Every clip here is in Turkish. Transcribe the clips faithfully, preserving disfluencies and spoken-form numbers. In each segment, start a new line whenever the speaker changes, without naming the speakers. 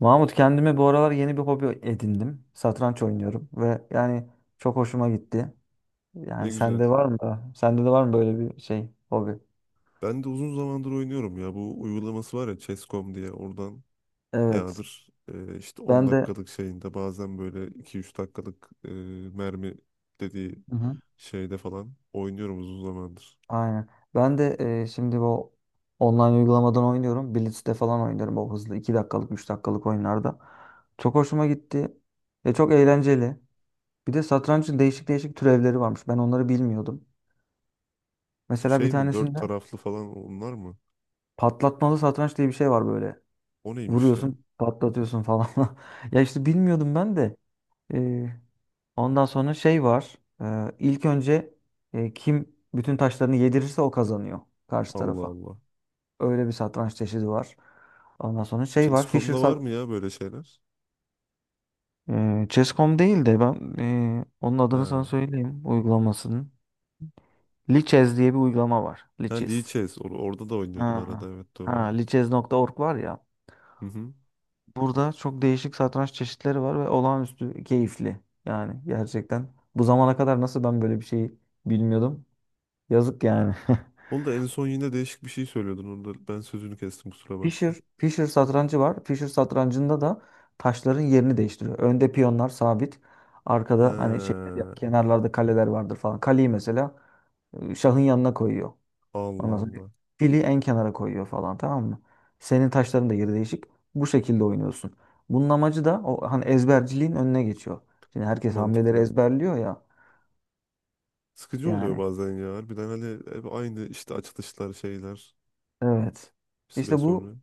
Mahmut kendime bu aralar yeni bir hobi edindim. Satranç oynuyorum ve yani çok hoşuma gitti.
Ne
Yani
güzel.
sende var mı? da- Sende de var mı böyle bir şey, hobi?
Ben de uzun zamandır oynuyorum ya. Bu uygulaması var ya chess nokta com diye. Oradan
Evet.
bayağıdır e, işte on
Ben de
dakikalık şeyinde bazen böyle iki üç dakikalık e, mermi dediği
hı hı,
şeyde falan oynuyorum uzun zamandır.
aynen. Ben de e, şimdi bu online uygulamadan oynuyorum. Blitz'te falan oynuyorum o hızlı iki dakikalık, üç dakikalık oyunlarda. Çok hoşuma gitti. Ve çok eğlenceli. Bir de satrancın değişik değişik türevleri varmış. Ben onları bilmiyordum. Mesela bir
Şey mi? Dört
tanesinde
taraflı falan onlar mı?
patlatmalı satranç diye bir şey var böyle.
O neymiş ya?
Vuruyorsun, patlatıyorsun falan. Ya işte bilmiyordum ben de. Ee, ondan sonra şey var. Ee, ilk önce e, kim bütün taşlarını yedirirse o kazanıyor karşı
Allah
tarafa.
Allah.
Öyle bir satranç çeşidi var. Ondan sonra şey var. Fischer
chess nokta comda'da var
sat
mı ya böyle şeyler?
Ee, chess nokta com değil de ben ee, onun adını sana
Ha.
söyleyeyim uygulamasının. Lichess diye bir uygulama var.
Ha Lee
Lichess.
Chess. Or- orada da
Ha,
oynuyordum arada, evet,
ha
doğru.
lichess nokta org var ya.
Hı hı.
Burada çok değişik satranç çeşitleri var ve olağanüstü keyifli. Yani gerçekten bu zamana kadar nasıl ben böyle bir şeyi bilmiyordum. Yazık yani.
Onu da en son yine değişik bir şey söylüyordun. Onu da ben sözünü kestim, kusura
Fischer,
bakma.
Fischer satrancı var. Fischer satrancında da taşların yerini değiştiriyor. Önde piyonlar sabit. Arkada hani şey ya,
Ha.
kenarlarda kaleler vardır falan. Kaleyi mesela e, şahın yanına koyuyor.
Allah
Ondan sonra
Allah.
fili en kenara koyuyor falan, tamam mı? Senin taşların da yeri değişik. Bu şekilde oynuyorsun. Bunun amacı da o, hani ezberciliğin önüne geçiyor. Şimdi
Çok
herkes hamleleri
mantıklı.
ezberliyor ya
Sıkıcı oluyor
yani.
bazen ya. Harbiden hani hep aynı işte, açılışlar, şeyler
Evet.
bir süre
İşte bu
sonra.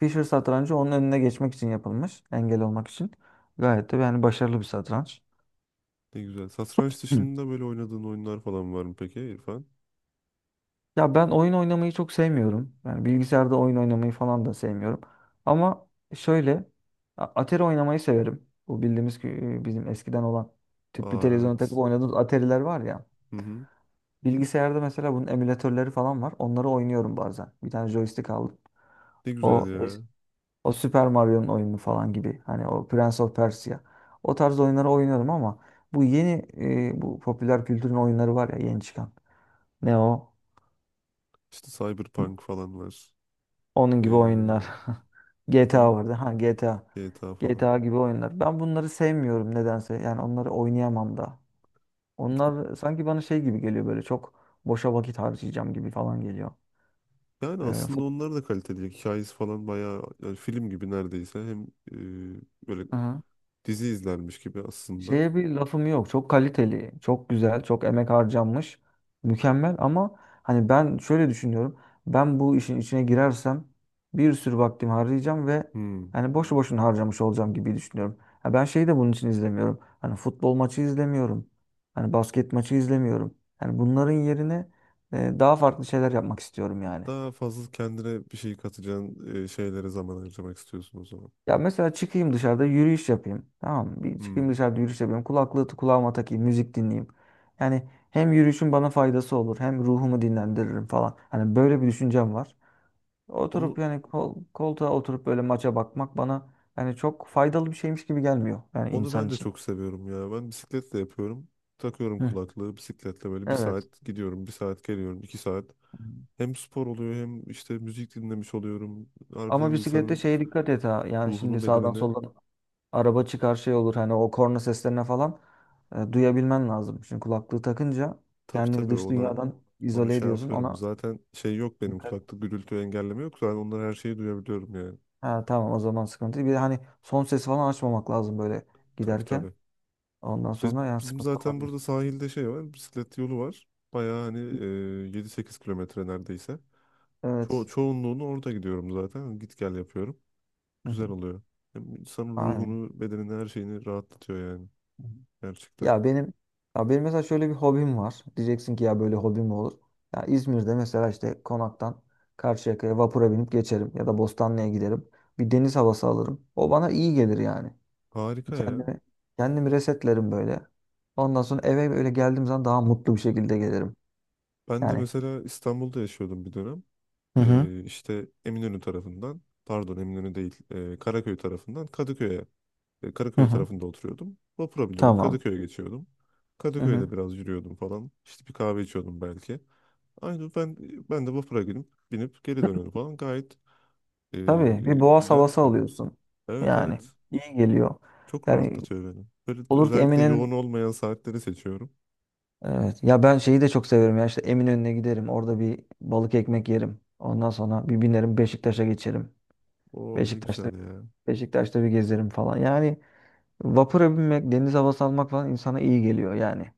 Fischer satrancı onun önüne geçmek için yapılmış. Engel olmak için. Gayet de yani başarılı bir satranç.
Ne güzel. Satranç
Hı.
dışında böyle oynadığın oyunlar falan var mı peki İrfan?
Ya ben oyun oynamayı çok sevmiyorum. Yani bilgisayarda oyun oynamayı falan da sevmiyorum. Ama şöyle, A- Atari oynamayı severim. Bu bildiğimiz ki, e, bizim eskiden olan tüplü
Aa,
televizyona takıp
evet.
oynadığımız Atari'ler var ya.
Hı hı.
Bilgisayarda mesela bunun emülatörleri falan var. Onları oynuyorum bazen. Bir tane joystick aldım.
Ne güzel
O es-
ya.
O Super Mario'nun oyunu falan gibi. Hani o Prince of Persia. O tarz oyunları oynuyorum ama bu yeni, e, bu popüler kültürün oyunları var ya yeni çıkan. Ne o?
İşte Cyberpunk falan var.
Onun
Ee,
gibi oyunlar. G T A
on
vardı. Ha G T A.
G T A falan.
G T A gibi oyunlar. Ben bunları sevmiyorum nedense. Yani onları oynayamam da.
İki-
Onlar sanki bana şey gibi geliyor böyle, çok boşa vakit harcayacağım gibi falan geliyor.
Yani
Ee,
aslında
fut-
onlar da kaliteli. Hikayesi falan bayağı, yani film gibi neredeyse. Hem e, böyle
Hı.
dizi izlermiş gibi aslında.
Şeye bir lafım yok. Çok kaliteli, çok güzel, çok emek harcanmış. Mükemmel ama hani ben şöyle düşünüyorum. Ben bu işin içine girersem bir sürü vaktimi harcayacağım ve
Hmm.
hani boşu boşuna harcamış olacağım gibi düşünüyorum. Ha ben şeyi de bunun için izlemiyorum. Hani futbol maçı izlemiyorum. Hani basket maçı izlemiyorum. Yani bunların yerine e, daha farklı şeyler yapmak istiyorum yani.
Daha fazla kendine bir şey katacağın e, şeylere zaman harcamak istiyorsun o zaman.
Ya mesela çıkayım dışarıda yürüyüş yapayım. Tamam mı? Bir
Hmm.
çıkayım dışarıda yürüyüş yapayım. Kulaklığı kulağıma takayım, müzik dinleyeyim. Yani hem yürüyüşün bana faydası olur, hem ruhumu dinlendiririm falan. Hani böyle bir düşüncem var. Oturup
Onu
yani kol, koltuğa oturup böyle maça bakmak bana yani çok faydalı bir şeymiş gibi gelmiyor yani
onu
insan
ben de
için.
çok seviyorum ya. Ben bisikletle yapıyorum. Takıyorum
Hı.
kulaklığı, bisikletle böyle bir
Evet.
saat gidiyorum, bir saat geliyorum, iki saat. Hem spor oluyor hem işte müzik dinlemiş oluyorum. Harbiden
Ama bisiklette
insanın
şeye dikkat et ha. Yani şimdi
ruhunu,
sağdan
bedenini,
soldan araba çıkar şey olur hani o korna seslerine falan e, duyabilmen lazım. Çünkü kulaklığı takınca
tabii
kendini
tabii,
dış
ona
dünyadan
onu
izole
şey
ediyorsun.
yapıyorum.
Ona
Zaten şey yok, benim
dikkat et.
kulakta gürültü engelleme yok. Zaten onları, her şeyi duyabiliyorum yani.
Ha, tamam o zaman sıkıntı değil. Bir de hani son sesi falan açmamak lazım böyle
Tabii
giderken.
tabii.
Ondan
Biz,
sonra yani
bizim
sıkıntı
zaten
olabilir.
burada sahilde şey var, bisiklet yolu var. Bayağı hani e, yedi sekiz kilometre neredeyse. Ço
Evet.
çoğunluğunu orada gidiyorum zaten. Git gel yapıyorum.
Hı hı.
Güzel oluyor. Hem insanın
Aynen.
ruhunu, bedenini, her şeyini rahatlatıyor yani.
Hı hı.
Gerçekten.
Ya benim ya benim mesela şöyle bir hobim var. Diyeceksin ki ya böyle hobi mi olur? Ya İzmir'de mesela işte Konak'tan Karşıyaka'ya vapura binip geçerim ya da Bostanlı'ya giderim. Bir deniz havası alırım. O bana iyi gelir yani.
Harika ya.
Kendimi, kendimi resetlerim böyle. Ondan sonra eve böyle geldiğim zaman daha mutlu bir şekilde gelirim.
Ben de
Yani.
mesela İstanbul'da yaşıyordum bir dönem.
Hı hı.
E, işte Eminönü tarafından, pardon, Eminönü değil, e, Karaköy tarafından Kadıköy'e, e,
Hı
Karaköy
hı.
tarafında oturuyordum. Vapura biniyordum,
Tamam.
Kadıköy'e geçiyordum.
Hı hı.
Kadıköy'de biraz yürüyordum falan. İşte bir kahve içiyordum belki. Aynen, ben ben de vapura binip, binip geri dönüyorum falan. Gayet e,
Tabii bir boğaz
güzel de
havası
yani.
alıyorsun.
Evet,
Yani
evet.
iyi geliyor.
Çok
Yani
rahatlatıyor beni. Böyle
olur ki
özellikle yoğun
Emin'in
olmayan saatleri seçiyorum.
evet ya ben şeyi de çok severim ya işte Eminönü'ne giderim. Orada bir balık ekmek yerim. Ondan sonra bir binerim Beşiktaş'a geçerim.
Oh, ne
Beşiktaş'ta
güzel ya.
Beşiktaş'ta bir gezerim falan. Yani vapura binmek, deniz havası almak falan insana iyi geliyor yani.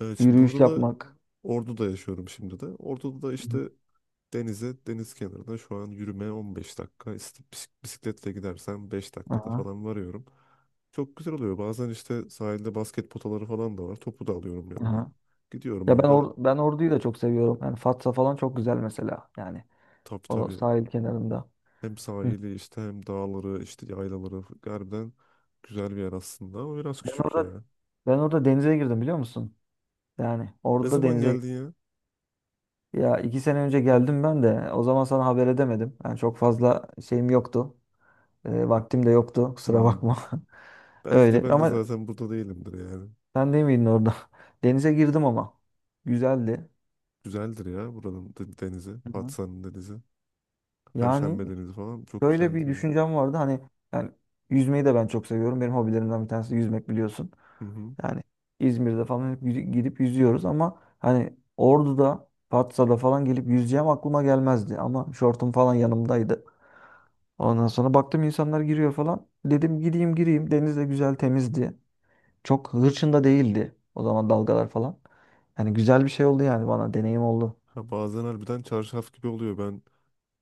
Evet, şimdi
Yürüyüş
burada da
yapmak.
Ordu'da yaşıyorum şimdi de. Ordu'da da işte denize, deniz kenarına şu an yürümeye on beş dakika. İşte bis- bisikletle gidersen beş dakikada
Aha,
falan varıyorum. Çok güzel oluyor. Bazen işte sahilde basket potaları falan da var. Topu da alıyorum yanıma.
aha.
Gidiyorum
Ya ben
orada.
or ben Ordu'yu da çok seviyorum. Yani Fatsa falan çok güzel mesela. Yani
Tabii
o
tabii.
sahil kenarında.
Hem
Hı.
sahili işte hem dağları işte yaylaları harbiden güzel bir yer aslında, ama biraz
Ben
küçük
orada
ya.
ben orada denize girdim biliyor musun? Yani
Ne
orada
zaman
denize
geldin ya?
Ya iki sene önce geldim ben de. O zaman sana haber edemedim. Yani çok fazla şeyim yoktu. E, vaktim de yoktu. Kusura
Hmm.
bakma.
Belki de
Öyle.
ben de
Ama
zaten burada değilimdir yani.
sen değil miydin orada? Denize girdim ama. Güzeldi.
Güzeldir ya buranın de- denizi.
Hı hı.
Patsa'nın denizi. Perşembe
Yani
denizi falan çok
şöyle
güzeldir
bir
yani.
düşüncem vardı hani yani yüzmeyi de ben çok seviyorum. Benim hobilerimden bir tanesi yüzmek, biliyorsun.
Hı hı.
Yani İzmir'de falan hep yüz- gidip yüzüyoruz ama hani Ordu'da, Patsa'da falan gelip yüzeceğim aklıma gelmezdi. Ama şortum falan yanımdaydı. Ondan sonra baktım insanlar giriyor falan. Dedim gideyim gireyim. Deniz de güzel temizdi. Çok hırçın da değildi o zaman dalgalar falan. Yani güzel bir şey oldu yani, bana deneyim oldu.
Ya bazen harbiden çarşaf gibi oluyor. Ben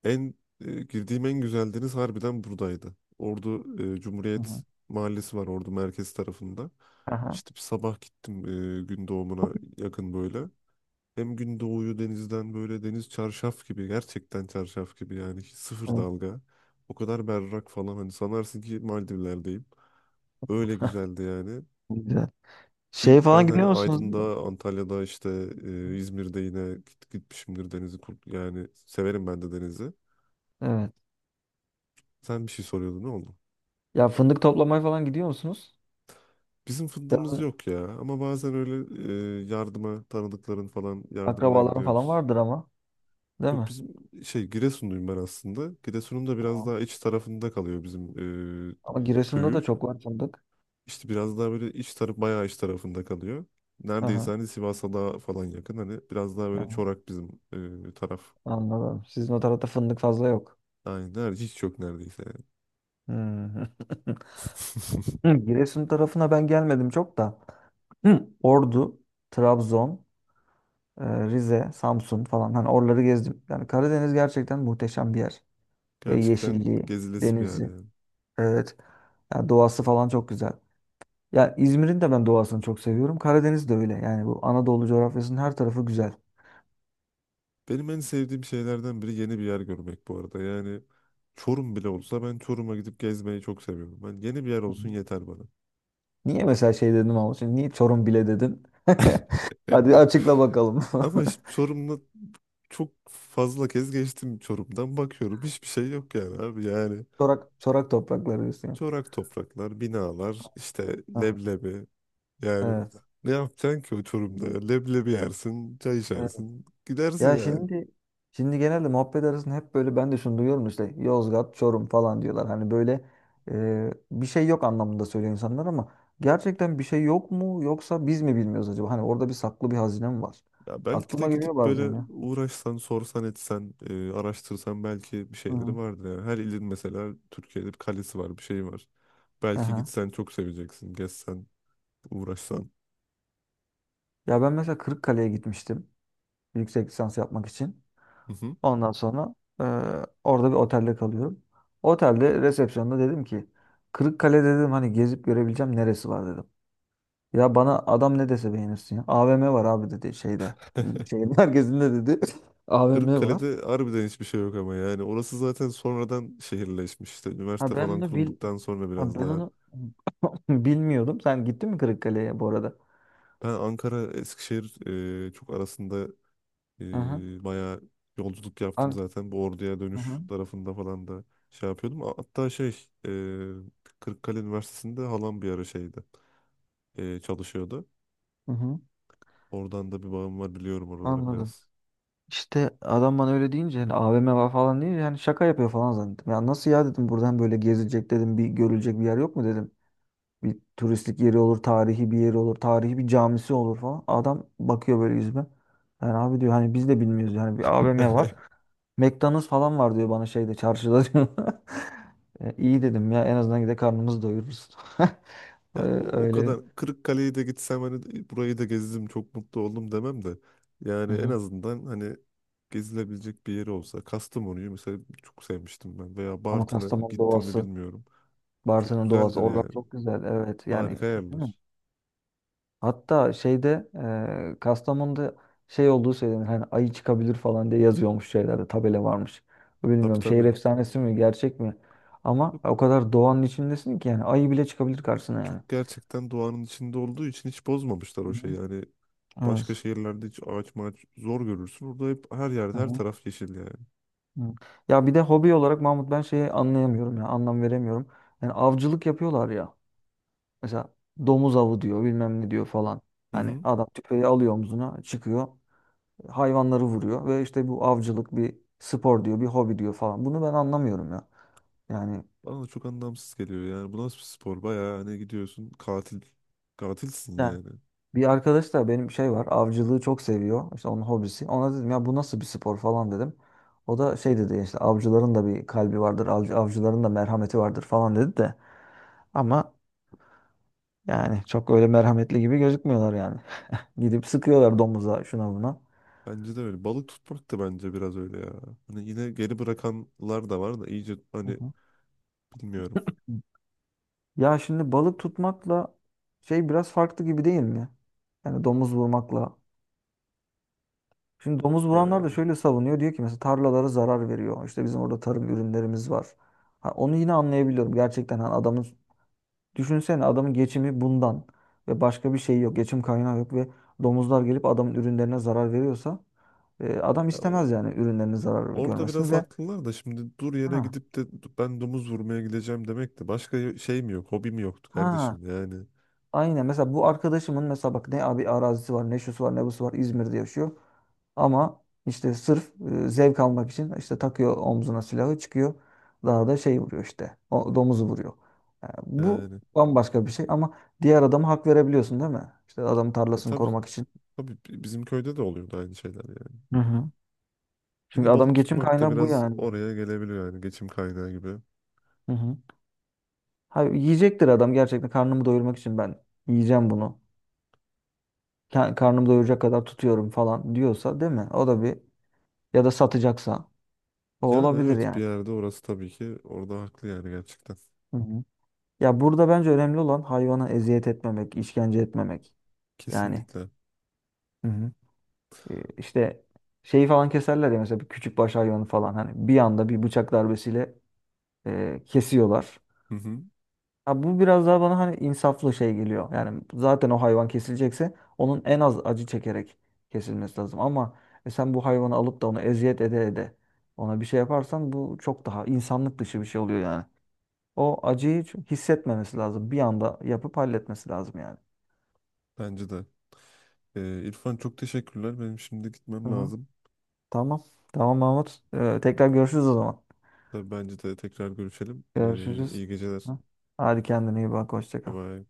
en e, Girdiğim en güzel deniz harbiden buradaydı. Ordu e,
Hı hı.
Cumhuriyet Mahallesi var, Ordu merkez tarafında.
Aha.
İşte bir sabah gittim, e, gün doğumuna yakın böyle. Hem gün doğuyu denizden, böyle deniz çarşaf gibi, gerçekten çarşaf gibi yani, hiç sıfır
Evet.
dalga. O kadar berrak falan, hani sanarsın ki Maldivler'deyim. Öyle güzeldi yani.
Güzel. Şey
Ki ben
falan
hani
gidiyor musunuz?
Aydın'da, Antalya'da, işte e, İzmir'de yine git, gitmişimdir denizi. kur- Yani severim ben de denizi.
Evet.
Sen bir şey soruyordun, ne oldu?
Ya fındık toplamaya falan gidiyor musunuz?
Bizim fındığımız
Yazın
yok ya, ama bazen öyle e, yardıma, tanıdıkların falan yardımına
akrabaların falan
gidiyoruz.
vardır ama. Değil
Yok
mi?
bizim şey, Giresunluyum ben aslında. Giresun'un da biraz
Tamam.
daha iç tarafında kalıyor bizim e,
Ama Giresun'da da
köyü.
çok var fındık.
İşte biraz daha böyle iç taraf, bayağı iç tarafında kalıyor. Neredeyse
Aha,
hani Sivas'a daha falan yakın. Hani biraz daha böyle
aha,
çorak bizim e, taraf.
anladım. Sizin o tarafta fındık fazla yok.
Aynen, neredeyse hiç yok, neredeyse yani.
Hmm. Hı, Giresun tarafına ben gelmedim çok da. Hı. Ordu, Trabzon, e, Rize, Samsun falan. Hani oraları gezdim. Yani Karadeniz gerçekten muhteşem bir yer. Ve
Gerçekten
yeşilliği,
gezilesi bir yer
denizi.
yani.
Evet. Yani doğası falan çok güzel. Ya İzmir'in de ben doğasını çok seviyorum. Karadeniz de öyle. Yani bu Anadolu coğrafyasının her tarafı güzel.
Benim en sevdiğim şeylerden biri yeni bir yer görmek, bu arada. Yani Çorum bile olsa ben Çorum'a gidip gezmeyi çok seviyorum. Ben, yeni bir yer
Hı hı.
olsun, yeter bana.
Niye mesela şey dedim ama şimdi niye Çorum bile dedin? Hadi açıkla bakalım.
Ama işte Çorum'da çok fazla kez geçtim Çorum'dan, bakıyorum hiçbir şey yok yani abi, yani
Çorak, çorak toprakları diyorsun ya.
çorak topraklar, binalar, işte
Aha.
leblebi, yani
Evet.
ne yapacaksın ki o Çorum'da ya? Leblebi yersin, çay
Evet.
içersin, gidersin
Ya
yani.
şimdi şimdi genelde muhabbet arasında hep böyle ben de şunu duyuyorum işte Yozgat, Çorum falan diyorlar. Hani böyle e, bir şey yok anlamında söylüyor insanlar ama gerçekten bir şey yok mu yoksa biz mi bilmiyoruz acaba? Hani orada bir saklı bir hazine mi var?
Ya belki de
Aklıma geliyor
gidip
bazen
böyle
ya.
uğraşsan, sorsan, etsen, e, araştırsan belki bir şeyleri
Hı.
vardır yani. Her ilin mesela Türkiye'de bir kalesi var, bir şey var, belki
Aha.
gitsen çok seveceksin, gezsen, uğraşsan.
Ya ben mesela Kırıkkale'ye gitmiştim yüksek lisans yapmak için. Ondan sonra e, orada bir otelde kalıyorum. Otelde resepsiyonda dedim ki Kırıkkale dedim hani gezip görebileceğim neresi var dedim. Ya bana adam ne dese beğenirsin ya. A V M var abi dedi şeyde. Şehrin merkezinde dedi. A V M var.
Kırıkkale'de harbiden hiçbir şey yok ama, yani orası zaten sonradan şehirleşmiş, işte
Ha
üniversite
ben
falan
onu bil
kurulduktan sonra
ha
biraz
ben
daha.
onu bilmiyordum. Sen gittin mi Kırıkkale'ye bu arada?
Ben Ankara Eskişehir e, çok arasında
Aha.
e, bayağı yolculuk yaptım
An
zaten, bu Ordu'ya dönüş
aha.
tarafında falan da şey yapıyordum. A- hatta şey, e, Kırıkkale Üniversitesi'nde halam bir ara şeydi, e, çalışıyordu.
Hı hı.
Oradan da bir bağım var, biliyorum oraları
Anladım.
biraz.
İşte adam bana öyle deyince hani A V M var falan deyince hani şaka yapıyor falan zannettim. Ya nasıl ya dedim, buradan böyle gezilecek dedim, bir görülecek bir yer yok mu dedim. Bir turistik yeri olur, tarihi bir yeri olur, tarihi bir camisi olur falan. Adam bakıyor böyle yüzüme. Yani abi diyor hani biz de bilmiyoruz yani, bir A V M var. McDonald's falan var diyor bana şeyde çarşıda diyor. E, İyi dedim, ya en azından gide karnımızı doyururuz. E,
Yani o, o
öyle.
kadar Kırıkkale'yi de gitsem, hani e, burayı da gezdim çok mutlu oldum demem de
Hı
yani. En
hı.
azından hani gezilebilecek bir yeri olsa. Kastamonu'yu mesela çok sevmiştim ben, veya
Ama
Bartın'a
Kastamonu
gittim mi
doğası,
bilmiyorum. Çok
Bartın'ın doğası,
güzeldir
oralar
yani.
çok güzel evet yani.
Harika yerler.
Hatta şeyde, e, Kastamonu'da şey olduğu söylenir. Hani ayı çıkabilir falan diye yazıyormuş şeylerde, tabela varmış.
Tabii
Bilmiyorum şehir
tabii.
efsanesi mi gerçek mi? Ama o kadar doğanın içindesin ki yani ayı bile çıkabilir karşısına yani.
Çok gerçekten doğanın içinde olduğu için hiç bozmamışlar
Hı
o şeyi.
hı.
Yani başka
Evet.
şehirlerde hiç ağaç maç zor görürsün. Orada hep her yerde
Hı
her
hı.
taraf yeşil yani.
Hı. Ya bir de hobi olarak Mahmut ben şeyi anlayamıyorum ya, anlam veremiyorum. Yani avcılık yapıyorlar ya. Mesela domuz avı diyor, bilmem ne diyor falan.
Hı
Hani
hı.
adam tüfeği alıyor omzuna çıkıyor, hayvanları vuruyor ve işte bu avcılık bir spor diyor, bir hobi diyor falan. Bunu ben anlamıyorum ya. Yani
Bana da çok anlamsız geliyor yani. Bu nasıl bir spor? Bayağı hani gidiyorsun, katil. Katilsin
yani
yani.
bir arkadaş da benim şey var, avcılığı çok seviyor. İşte onun hobisi. Ona dedim ya bu nasıl bir spor falan dedim. O da şey dedi işte avcıların da bir kalbi vardır, avcı, avcıların da merhameti vardır falan dedi de. Ama yani çok öyle merhametli gibi gözükmüyorlar yani. Gidip sıkıyorlar domuza şuna buna.
Bence de öyle. Balık tutmak da bence biraz öyle ya. Hani yine geri bırakanlar da var da, iyice
Hı
hani
hı.
bilmiyorum.
Ya şimdi balık tutmakla şey biraz farklı gibi değil mi? Yani domuz vurmakla, şimdi domuz vuranlar da
Yani.
şöyle savunuyor. Diyor ki mesela tarlalara zarar veriyor. İşte bizim orada tarım ürünlerimiz var. Ha, onu yine anlayabiliyorum. Gerçekten hani adamın, düşünsene adamın geçimi bundan ve başka bir şey yok. Geçim kaynağı yok ve domuzlar gelip adamın ürünlerine zarar veriyorsa e, adam
Ya
istemez
o,
yani ürünlerine zarar
orada
görmesini
biraz
ve
haklılar da, şimdi dur yere
ha,
gidip de ben domuz vurmaya gideceğim demek de, başka şey mi yok? Hobi mi yoktu
ha
kardeşim yani.
aynen. Mesela bu arkadaşımın mesela bak, ne abi arazisi var ne şusu var ne busu var, İzmir'de yaşıyor. Ama işte sırf e, zevk almak için işte takıyor omzuna silahı çıkıyor, dağda şey vuruyor, işte o domuzu vuruyor. Yani bu
Yani.
bambaşka bir şey ama diğer adama hak verebiliyorsun değil mi? İşte adam
E
tarlasını
tabii.
korumak için.
Tabii bi- bizim köyde de oluyordu aynı şeyler yani.
Hı hı. Çünkü
Yine balık
adam, geçim
tutmak da
kaynağı bu
biraz
yani.
oraya gelebiliyor yani, geçim kaynağı gibi.
Hı hı. Ha, yiyecektir adam, gerçekten karnımı doyurmak için ben yiyeceğim bunu. Ka- Karnımı doyuracak kadar tutuyorum falan diyorsa, değil mi? O da bir, ya da satacaksa. O
Yani
olabilir
evet, bir
yani.
yerde orası tabii ki, orada haklı yani gerçekten.
Hı hı. Ya burada bence önemli olan hayvana eziyet etmemek, işkence etmemek. Yani
Kesinlikle.
hı hı, e, işte şeyi falan keserler ya mesela, bir küçük baş hayvanı falan hani bir anda bir bıçak darbesiyle e, kesiyorlar.
Hı hı.
Ya bu biraz daha bana hani insaflı şey geliyor. Yani zaten o hayvan kesilecekse onun en az acı çekerek kesilmesi lazım. Ama e, sen bu hayvanı alıp da onu eziyet ede ede ona bir şey yaparsan bu çok daha insanlık dışı bir şey oluyor yani. O acıyı hiç hissetmemesi lazım. Bir anda yapıp halletmesi lazım yani.
Bence de. Ee, İrfan, çok teşekkürler. Benim şimdi gitmem
Hı.
lazım.
Tamam. Tamam Mahmut. Ee, tekrar görüşürüz o zaman.
Tabii, bence de tekrar görüşelim. Ee,
Görüşürüz.
iyi geceler.
Hı. Hadi kendine iyi bak. Hoşça
Bye
kal.
bye.